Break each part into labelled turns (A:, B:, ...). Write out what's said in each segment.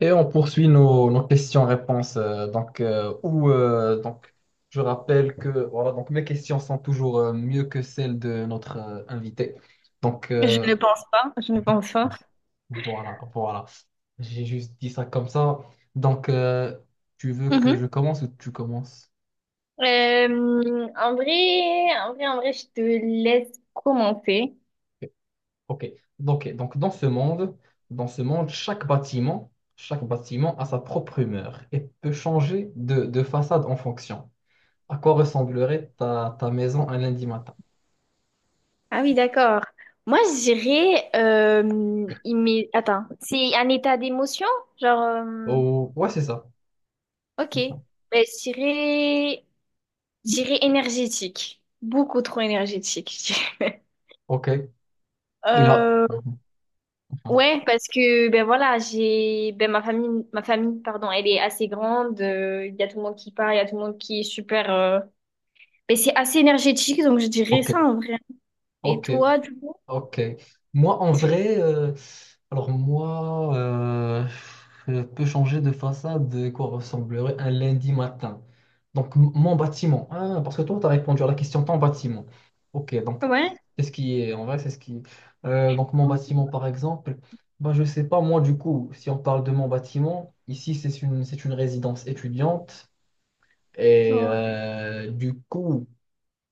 A: Et on poursuit nos questions-réponses. Je rappelle que voilà, donc mes questions sont toujours mieux que celles de notre invité. Donc,
B: Je
A: euh,
B: ne pense pas, je ne pense pas.
A: voilà, voilà. J'ai juste dit ça comme ça. Donc, euh, Tu veux que
B: Mhm.
A: je commence ou tu commences?
B: En vrai, je te laisse commencer.
A: Ok. Donc, dans ce monde, chaque bâtiment a sa propre humeur et peut changer de façade en fonction. À quoi ressemblerait ta maison un lundi matin?
B: Ah oui, d'accord. Moi, je dirais, attends, c'est un état d'émotion? Genre,
A: Oh, ouais, c'est ça.
B: ok.
A: C'est ça.
B: Ben, je dirais, énergétique. Beaucoup trop énergétique, je dirais.
A: Ok. Il va.
B: Euh, ouais, parce que, ben voilà, ben ma famille, pardon, elle est assez grande. Il y a tout le monde qui part, il y a tout le monde qui est super. Mais c'est assez énergétique, donc je dirais
A: Ok,
B: ça en vrai. Et
A: ok,
B: toi, du coup?
A: ok. Moi, en vrai, alors moi, euh, je peux changer de façade de quoi ressemblerait un lundi matin. Donc, mon bâtiment. Ah, parce que toi, tu as répondu à la question ton bâtiment. Ok, donc,
B: Ouais.
A: c'est ce qui est, en vrai, c'est ce qui... mon bâtiment, par exemple, bah, je sais pas, moi, du coup, si on parle de mon bâtiment, ici, c'est une résidence étudiante. Et
B: Ouais.
A: du coup,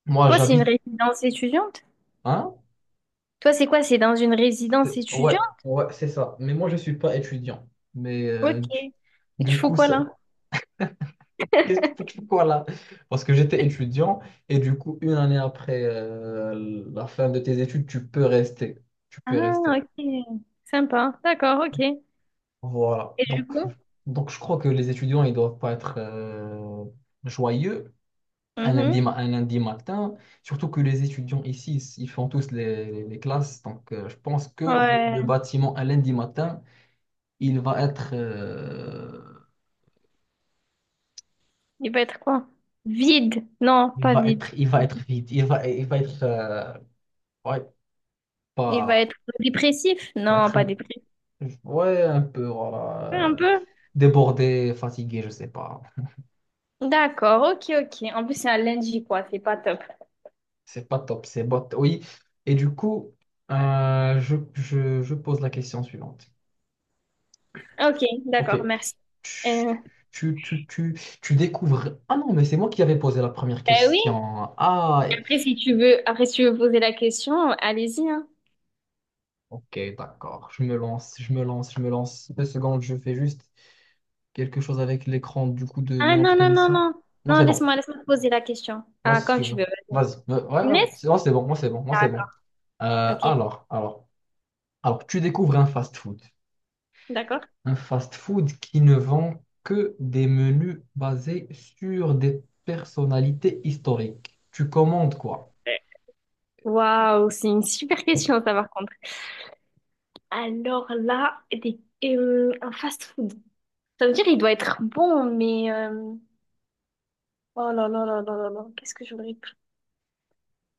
A: moi
B: Toi, c'est une
A: j'habite,
B: résidence étudiante?
A: hein?
B: Toi, c'est quoi? C'est dans une résidence
A: Ouais,
B: étudiante?
A: ouais, c'est ça. Mais moi je suis pas étudiant. Mais
B: Ok. Et tu
A: du
B: fais
A: coup,
B: quoi
A: ça...
B: là?
A: qu'est-ce que pourquoi là? Parce que j'étais étudiant et du coup, une année après la fin de tes études, tu peux rester. Tu peux
B: Ah,
A: rester.
B: ok. Sympa. D'accord, ok.
A: Voilà.
B: Du
A: Donc,
B: coup?
A: donc je crois que les étudiants, ils doivent pas être joyeux. Un lundi,
B: Mhm.
A: un lundi matin, surtout que les étudiants ici, ils font tous les classes. Donc, je pense que le
B: Ouais.
A: bâtiment, un lundi matin, il va être, euh,
B: Il va être quoi? Vide. Non, pas vide.
A: il va être vide. Il va être, ouais,
B: Il va
A: pas,
B: être dépressif?
A: va
B: Non,
A: être
B: pas
A: un,
B: dépressif.
A: ouais, un peu,
B: Un
A: voilà,
B: peu?
A: débordé, fatigué, je sais pas.
B: D'accord, ok, ok. En plus, c'est un lundi, quoi. C'est pas top.
A: C'est pas top, c'est bot, oui. Et du coup, je pose la question suivante.
B: Ok,
A: Ok.
B: d'accord, merci.
A: Tu,
B: Euh,
A: tu découvres. Ah non, mais c'est moi qui avais posé la première
B: bah oui,
A: question. Ah,
B: Après, si tu veux poser la question, allez-y, hein.
A: ok, d'accord. Je me lance. Deux secondes, je fais juste quelque chose avec l'écran du coup de
B: Ah non,
A: notre
B: non, non,
A: émission.
B: non.
A: Non,
B: Non,
A: c'est bon.
B: laisse-moi, te poser la question.
A: Moi,
B: Ah,
A: si
B: quand
A: tu
B: tu
A: veux.
B: veux.
A: Vas-y. Ouais,
B: Tu me
A: ouais,
B: laisses?
A: c'est non, c'est bon, moi, c'est
B: D'accord.
A: bon. Euh,
B: Ok,
A: alors, alors, alors, tu découvres un fast-food.
B: d'accord.
A: Un fast-food qui ne vend que des menus basés sur des personnalités historiques. Tu commandes quoi?
B: Ouais. Waouh, c'est une super question, ça, par contre. Alors là, un fast-food. Ça veut dire il doit être bon. Oh là là là là là là. Qu'est-ce que j'aurais pu...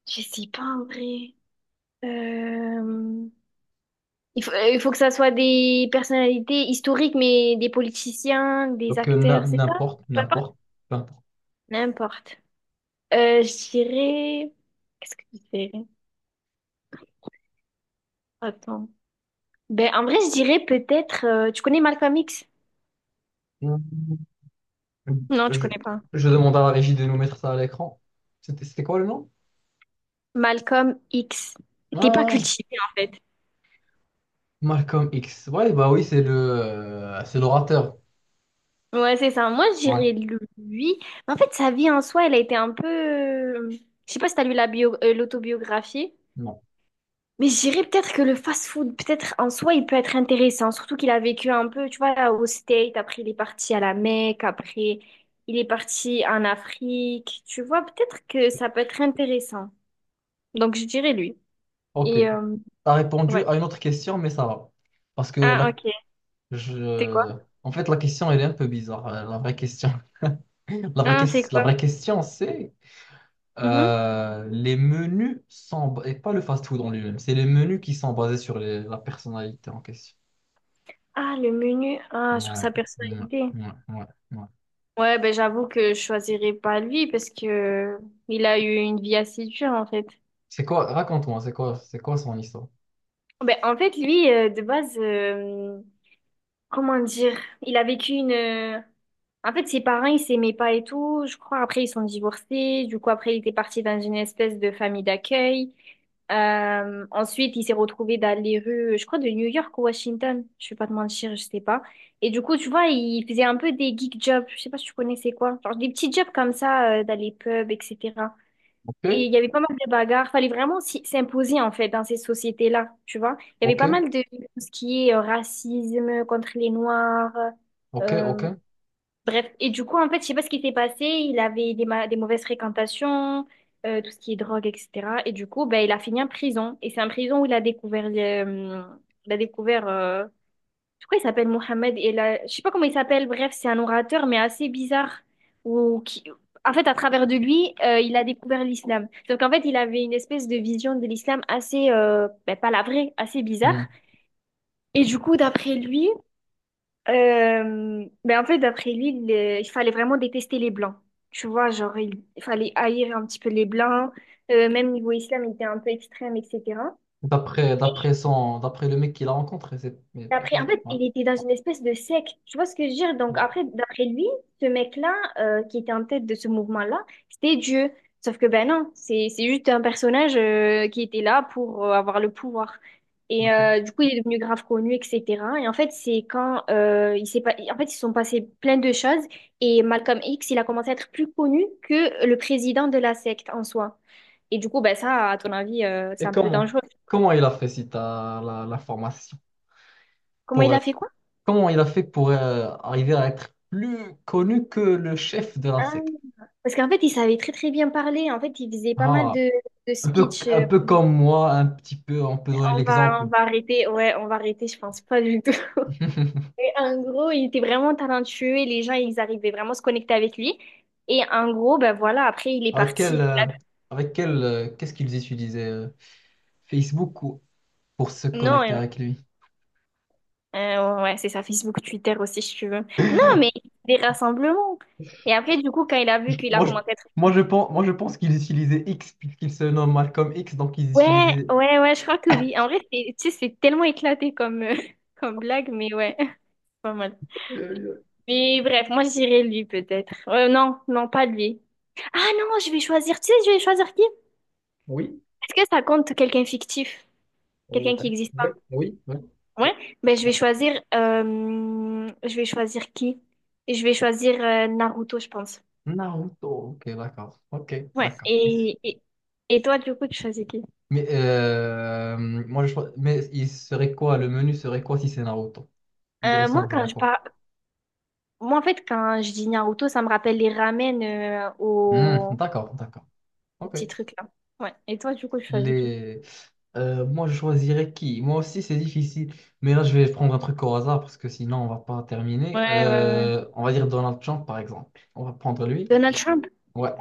B: Je sais pas, en vrai. Euh, Il faut, que ça soit des personnalités historiques, mais des politiciens, des acteurs, c'est ça?
A: N'importe, peu importe.
B: N'importe. Je dirais... Qu'est-ce que je dirais? Attends. Ben, en vrai, je dirais peut-être... Tu connais Malcolm X? Non, tu
A: Je,
B: connais pas.
A: je demande à la régie de nous mettre ça à l'écran. C'était quoi le nom?
B: Malcolm X. T'es pas
A: Ah,
B: cultivé, en fait.
A: Malcolm X. Ouais, bah oui, c'est c'est l'orateur.
B: Ouais, c'est ça. Moi, je
A: Ouais,
B: dirais lui. Mais en fait, sa vie en soi, elle a été un peu. Je sais pas si t'as l'autobiographie.
A: non.
B: Mais je dirais peut-être que le fast-food, peut-être en soi, il peut être intéressant, surtout qu'il a vécu un peu, tu vois, au States, après il est parti à la Mecque, après il est parti en Afrique, tu vois, peut-être que ça peut être intéressant. Donc je dirais lui.
A: Ok.
B: Et
A: T'as répondu
B: ouais.
A: à une autre question, mais ça va. Parce que
B: Ah,
A: la,
B: ok. C'est quoi?
A: je... En fait, la question, elle est un peu bizarre. La vraie question,
B: Ah, c'est
A: la
B: quoi?
A: vraie question, c'est
B: Mhm.
A: les menus sont, et pas le fast-food en lui-même, c'est les menus qui sont basés sur la personnalité en question.
B: Ah, le menu, ah, sur
A: Ouais,
B: sa
A: ouais,
B: personnalité.
A: ouais, ouais, ouais.
B: Ouais, ben j'avoue que je choisirais pas lui parce que il a eu une vie assez dure en fait.
A: C'est quoi, raconte-moi, c'est quoi son histoire?
B: Ben, en fait, lui, de base. Comment dire? Il a vécu une. En fait, ses parents, ils s'aimaient pas et tout. Je crois après, ils sont divorcés. Du coup, après, il était parti dans une espèce de famille d'accueil. Ensuite, il s'est retrouvé dans les rues, je crois, de New York ou Washington. Je vais pas te mentir, je sais pas. Et du coup, tu vois, il faisait un peu des geek jobs. Je sais pas si tu connais c'est quoi. Genre des petits jobs comme ça, dans les pubs, etc. Et
A: Ok,
B: il y avait pas mal de bagarres. Fallait vraiment s'imposer, en fait, dans ces sociétés-là, tu vois. Il y avait pas
A: ok,
B: mal de tout ce qui est racisme contre les Noirs.
A: ok, ok.
B: euh, bref. Et du coup, en fait, je sais pas ce qui s'est passé. Il avait des mauvaises fréquentations, tout ce qui est drogue, etc. Et du coup, ben, il a fini en prison. Et c'est en prison où il a découvert, il a découvert, euh, je crois qu'il s'appelle Mohamed et là, je sais pas comment il s'appelle, bref, c'est un orateur mais assez bizarre ou qui en fait à travers de lui, il a découvert l'islam. Donc en fait, il avait une espèce de vision de l'islam assez ben, pas la vraie, assez bizarre
A: Hmm.
B: et du coup, d'après lui, ben en fait il fallait vraiment détester les blancs. Tu vois, genre il fallait haïr un petit peu les blancs, même niveau islam, il était un peu extrême, etc.
A: D'après le mec qu'il a rencontré, c'est, mais
B: En fait,
A: ouais,
B: il était dans une espèce de secte. Tu vois ce que je veux dire? Donc,
A: ouais,
B: après, d'après lui, ce mec-là, qui était en tête de ce mouvement-là, c'était Dieu. Sauf que, ben non, c'est juste un personnage, qui était là pour avoir le pouvoir. Et
A: ok.
B: du coup, il est devenu grave connu, etc. Et en fait, c'est quand il s'est pas... en fait, ils se sont passés plein de choses. Et Malcolm X, il a commencé à être plus connu que le président de la secte en soi. Et du coup, ben ça, à ton avis, c'est
A: Et
B: un peu
A: comment,
B: dangereux.
A: comment il a fait si t'as la formation
B: Comment il
A: pour
B: a
A: être,
B: fait quoi?
A: comment il a fait pour arriver à être plus connu que le chef de la secte?
B: Parce qu'en fait, il savait très très bien parler. En fait, il faisait pas mal
A: Ah,
B: de speeches.
A: un peu comme moi, un petit peu, on peut donner
B: On va,
A: l'exemple.
B: arrêter. Ouais, on va arrêter, je pense pas du tout. Et en gros, il était vraiment talentueux et les gens, ils arrivaient vraiment à se connecter avec lui. Et en gros, ben voilà, après, il est
A: Avec quel,
B: parti.
A: euh, avec quel, qu'est-ce qu'ils utilisaient Facebook ou- pour se
B: Non,
A: connecter avec lui?
B: ouais, c'est ça, Facebook, Twitter aussi, si tu veux. Non, mais des rassemblements. Et après, du coup, quand il a vu qu'il a
A: Moi, je,
B: commencé à être...
A: Moi, je pense qu'ils utilisaient X puisqu'il se nomme Malcolm X, donc ils
B: Ouais,
A: utilisaient...
B: ouais, ouais, je crois que oui. En vrai, tu sais, c'est tellement éclaté comme, comme blague, mais ouais, pas mal.
A: Euh,
B: Mais bref, moi je dirais lui peut-être. Non, non, pas lui. Ah non, je vais choisir. Tu sais, je vais choisir qui?
A: oui,
B: Est-ce que ça compte quelqu'un fictif?
A: ouais,
B: Quelqu'un qui n'existe pas?
A: oui, oui, oui.
B: Ouais. Ben je vais choisir. Je vais choisir qui? Je vais choisir Naruto, je pense.
A: Naruto. Ok, d'accord. Ok,
B: Ouais.
A: d'accord.
B: Et, toi, du coup, tu choisis qui?
A: Mais mais il serait quoi? Le menu serait quoi si c'est Naruto? Il
B: Euh, moi,
A: ressemblerait
B: quand
A: à
B: je
A: quoi?
B: parle, moi en fait, quand je dis Naruto, ça me rappelle les ramen
A: Hmm, d'accord, d'accord.
B: au
A: Ok.
B: petit truc là. Ouais. Et toi, du coup, tu choisis qui?
A: Les... moi, je choisirais qui? Moi aussi, c'est difficile. Mais là, je vais prendre un truc au hasard parce que sinon, on va pas terminer.
B: Ouais, ouais, ouais.
A: On va dire Donald Trump, par exemple. On va prendre lui.
B: Donald Trump?
A: Ouais,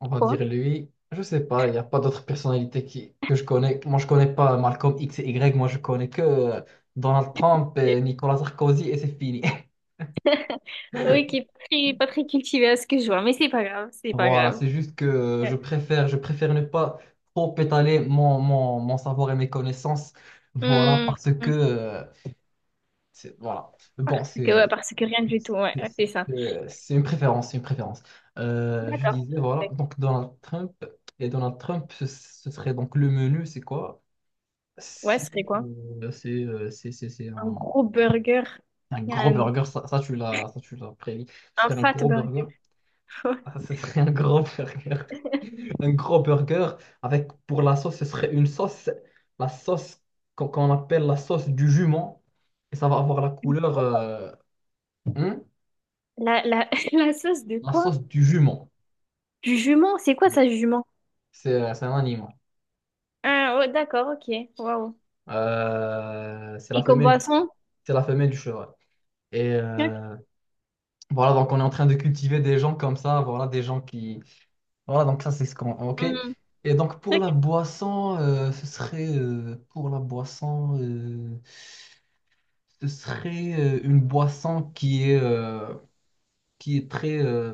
A: on va
B: Quoi?
A: dire lui. Je sais pas, il n'y a pas d'autres personnalités qui... que je connais. Moi, je connais pas Malcolm X et Y. Moi, je connais que Donald Trump et Nicolas Sarkozy et c'est fini.
B: Oui, qui est pas très, pas très cultivé à ce que je vois, mais c'est pas grave, c'est pas
A: Voilà,
B: grave.
A: c'est juste que
B: Ouais.
A: je préfère ne pas trop étaler mon savoir et mes connaissances. Voilà,
B: Hmm.
A: parce que Voilà. Bon,
B: Ouais, parce que rien du tout, ouais,
A: c'est
B: ouais,
A: c'est-
B: c'est ça.
A: c'est une préférence, c'est une préférence. Je
B: D'accord, je
A: disais, voilà,
B: respecte.
A: donc Donald Trump, et Donald Trump, ce serait donc le menu, c'est quoi?
B: Ouais, ce
A: C'est
B: serait quoi?
A: c'est
B: Un
A: un...
B: gros burger,
A: un
B: Il y a
A: gros
B: un,
A: burger, ça, tu l'as prévu. Ce serait un
B: fat
A: gros burger,
B: burger.
A: Ah, ce serait un gros burger, un gros burger, avec pour la sauce, ce serait une sauce, la sauce qu'on appelle la sauce du jument, et ça va avoir la couleur... hein.
B: La, la, la sauce de
A: La
B: quoi?
A: sauce du jument.
B: Du jument, c'est quoi ça, jument?
A: C'est un animal.
B: Ah, ouais, d'accord, ok, waouh.
A: Euh, c'est la
B: Et comme
A: femelle du,
B: boisson?
A: c'est la femelle du cheval. Et
B: Ok,
A: voilà, donc on est en train de cultiver des gens comme ça, voilà, des gens qui... Voilà, donc ça c'est ce qu'on... Ok.
B: hmm,
A: Et donc pour
B: ok,
A: la boisson, ce serait... une boisson qui est très...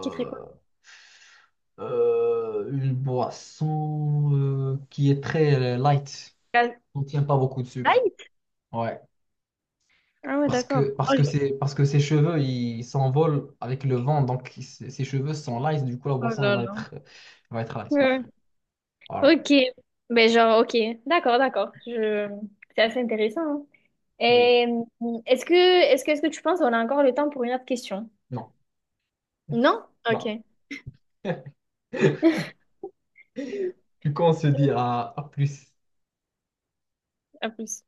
B: qui serait quoi?
A: une boisson qui est très light.
B: La
A: Contient pas beaucoup de sucre.
B: Sprite?
A: Ouais.
B: Ah ouais, d'accord. Oh,
A: Parce que ses cheveux, ils s'envolent avec le vent. Donc, ses cheveux sont lisses. Du coup, la
B: oh
A: boisson,
B: là là.
A: elle va être lisse.
B: Ouais.
A: Voilà.
B: Ok, mais genre, ok, d'accord, d'accord. Je... C'est assez intéressant, hein.
A: Oui.
B: Et est-ce que, tu penses qu'on a encore le temps pour une autre question?
A: Non.
B: Non?
A: Non.
B: Ok,
A: Du coup, on se dit à plus.
B: à plus.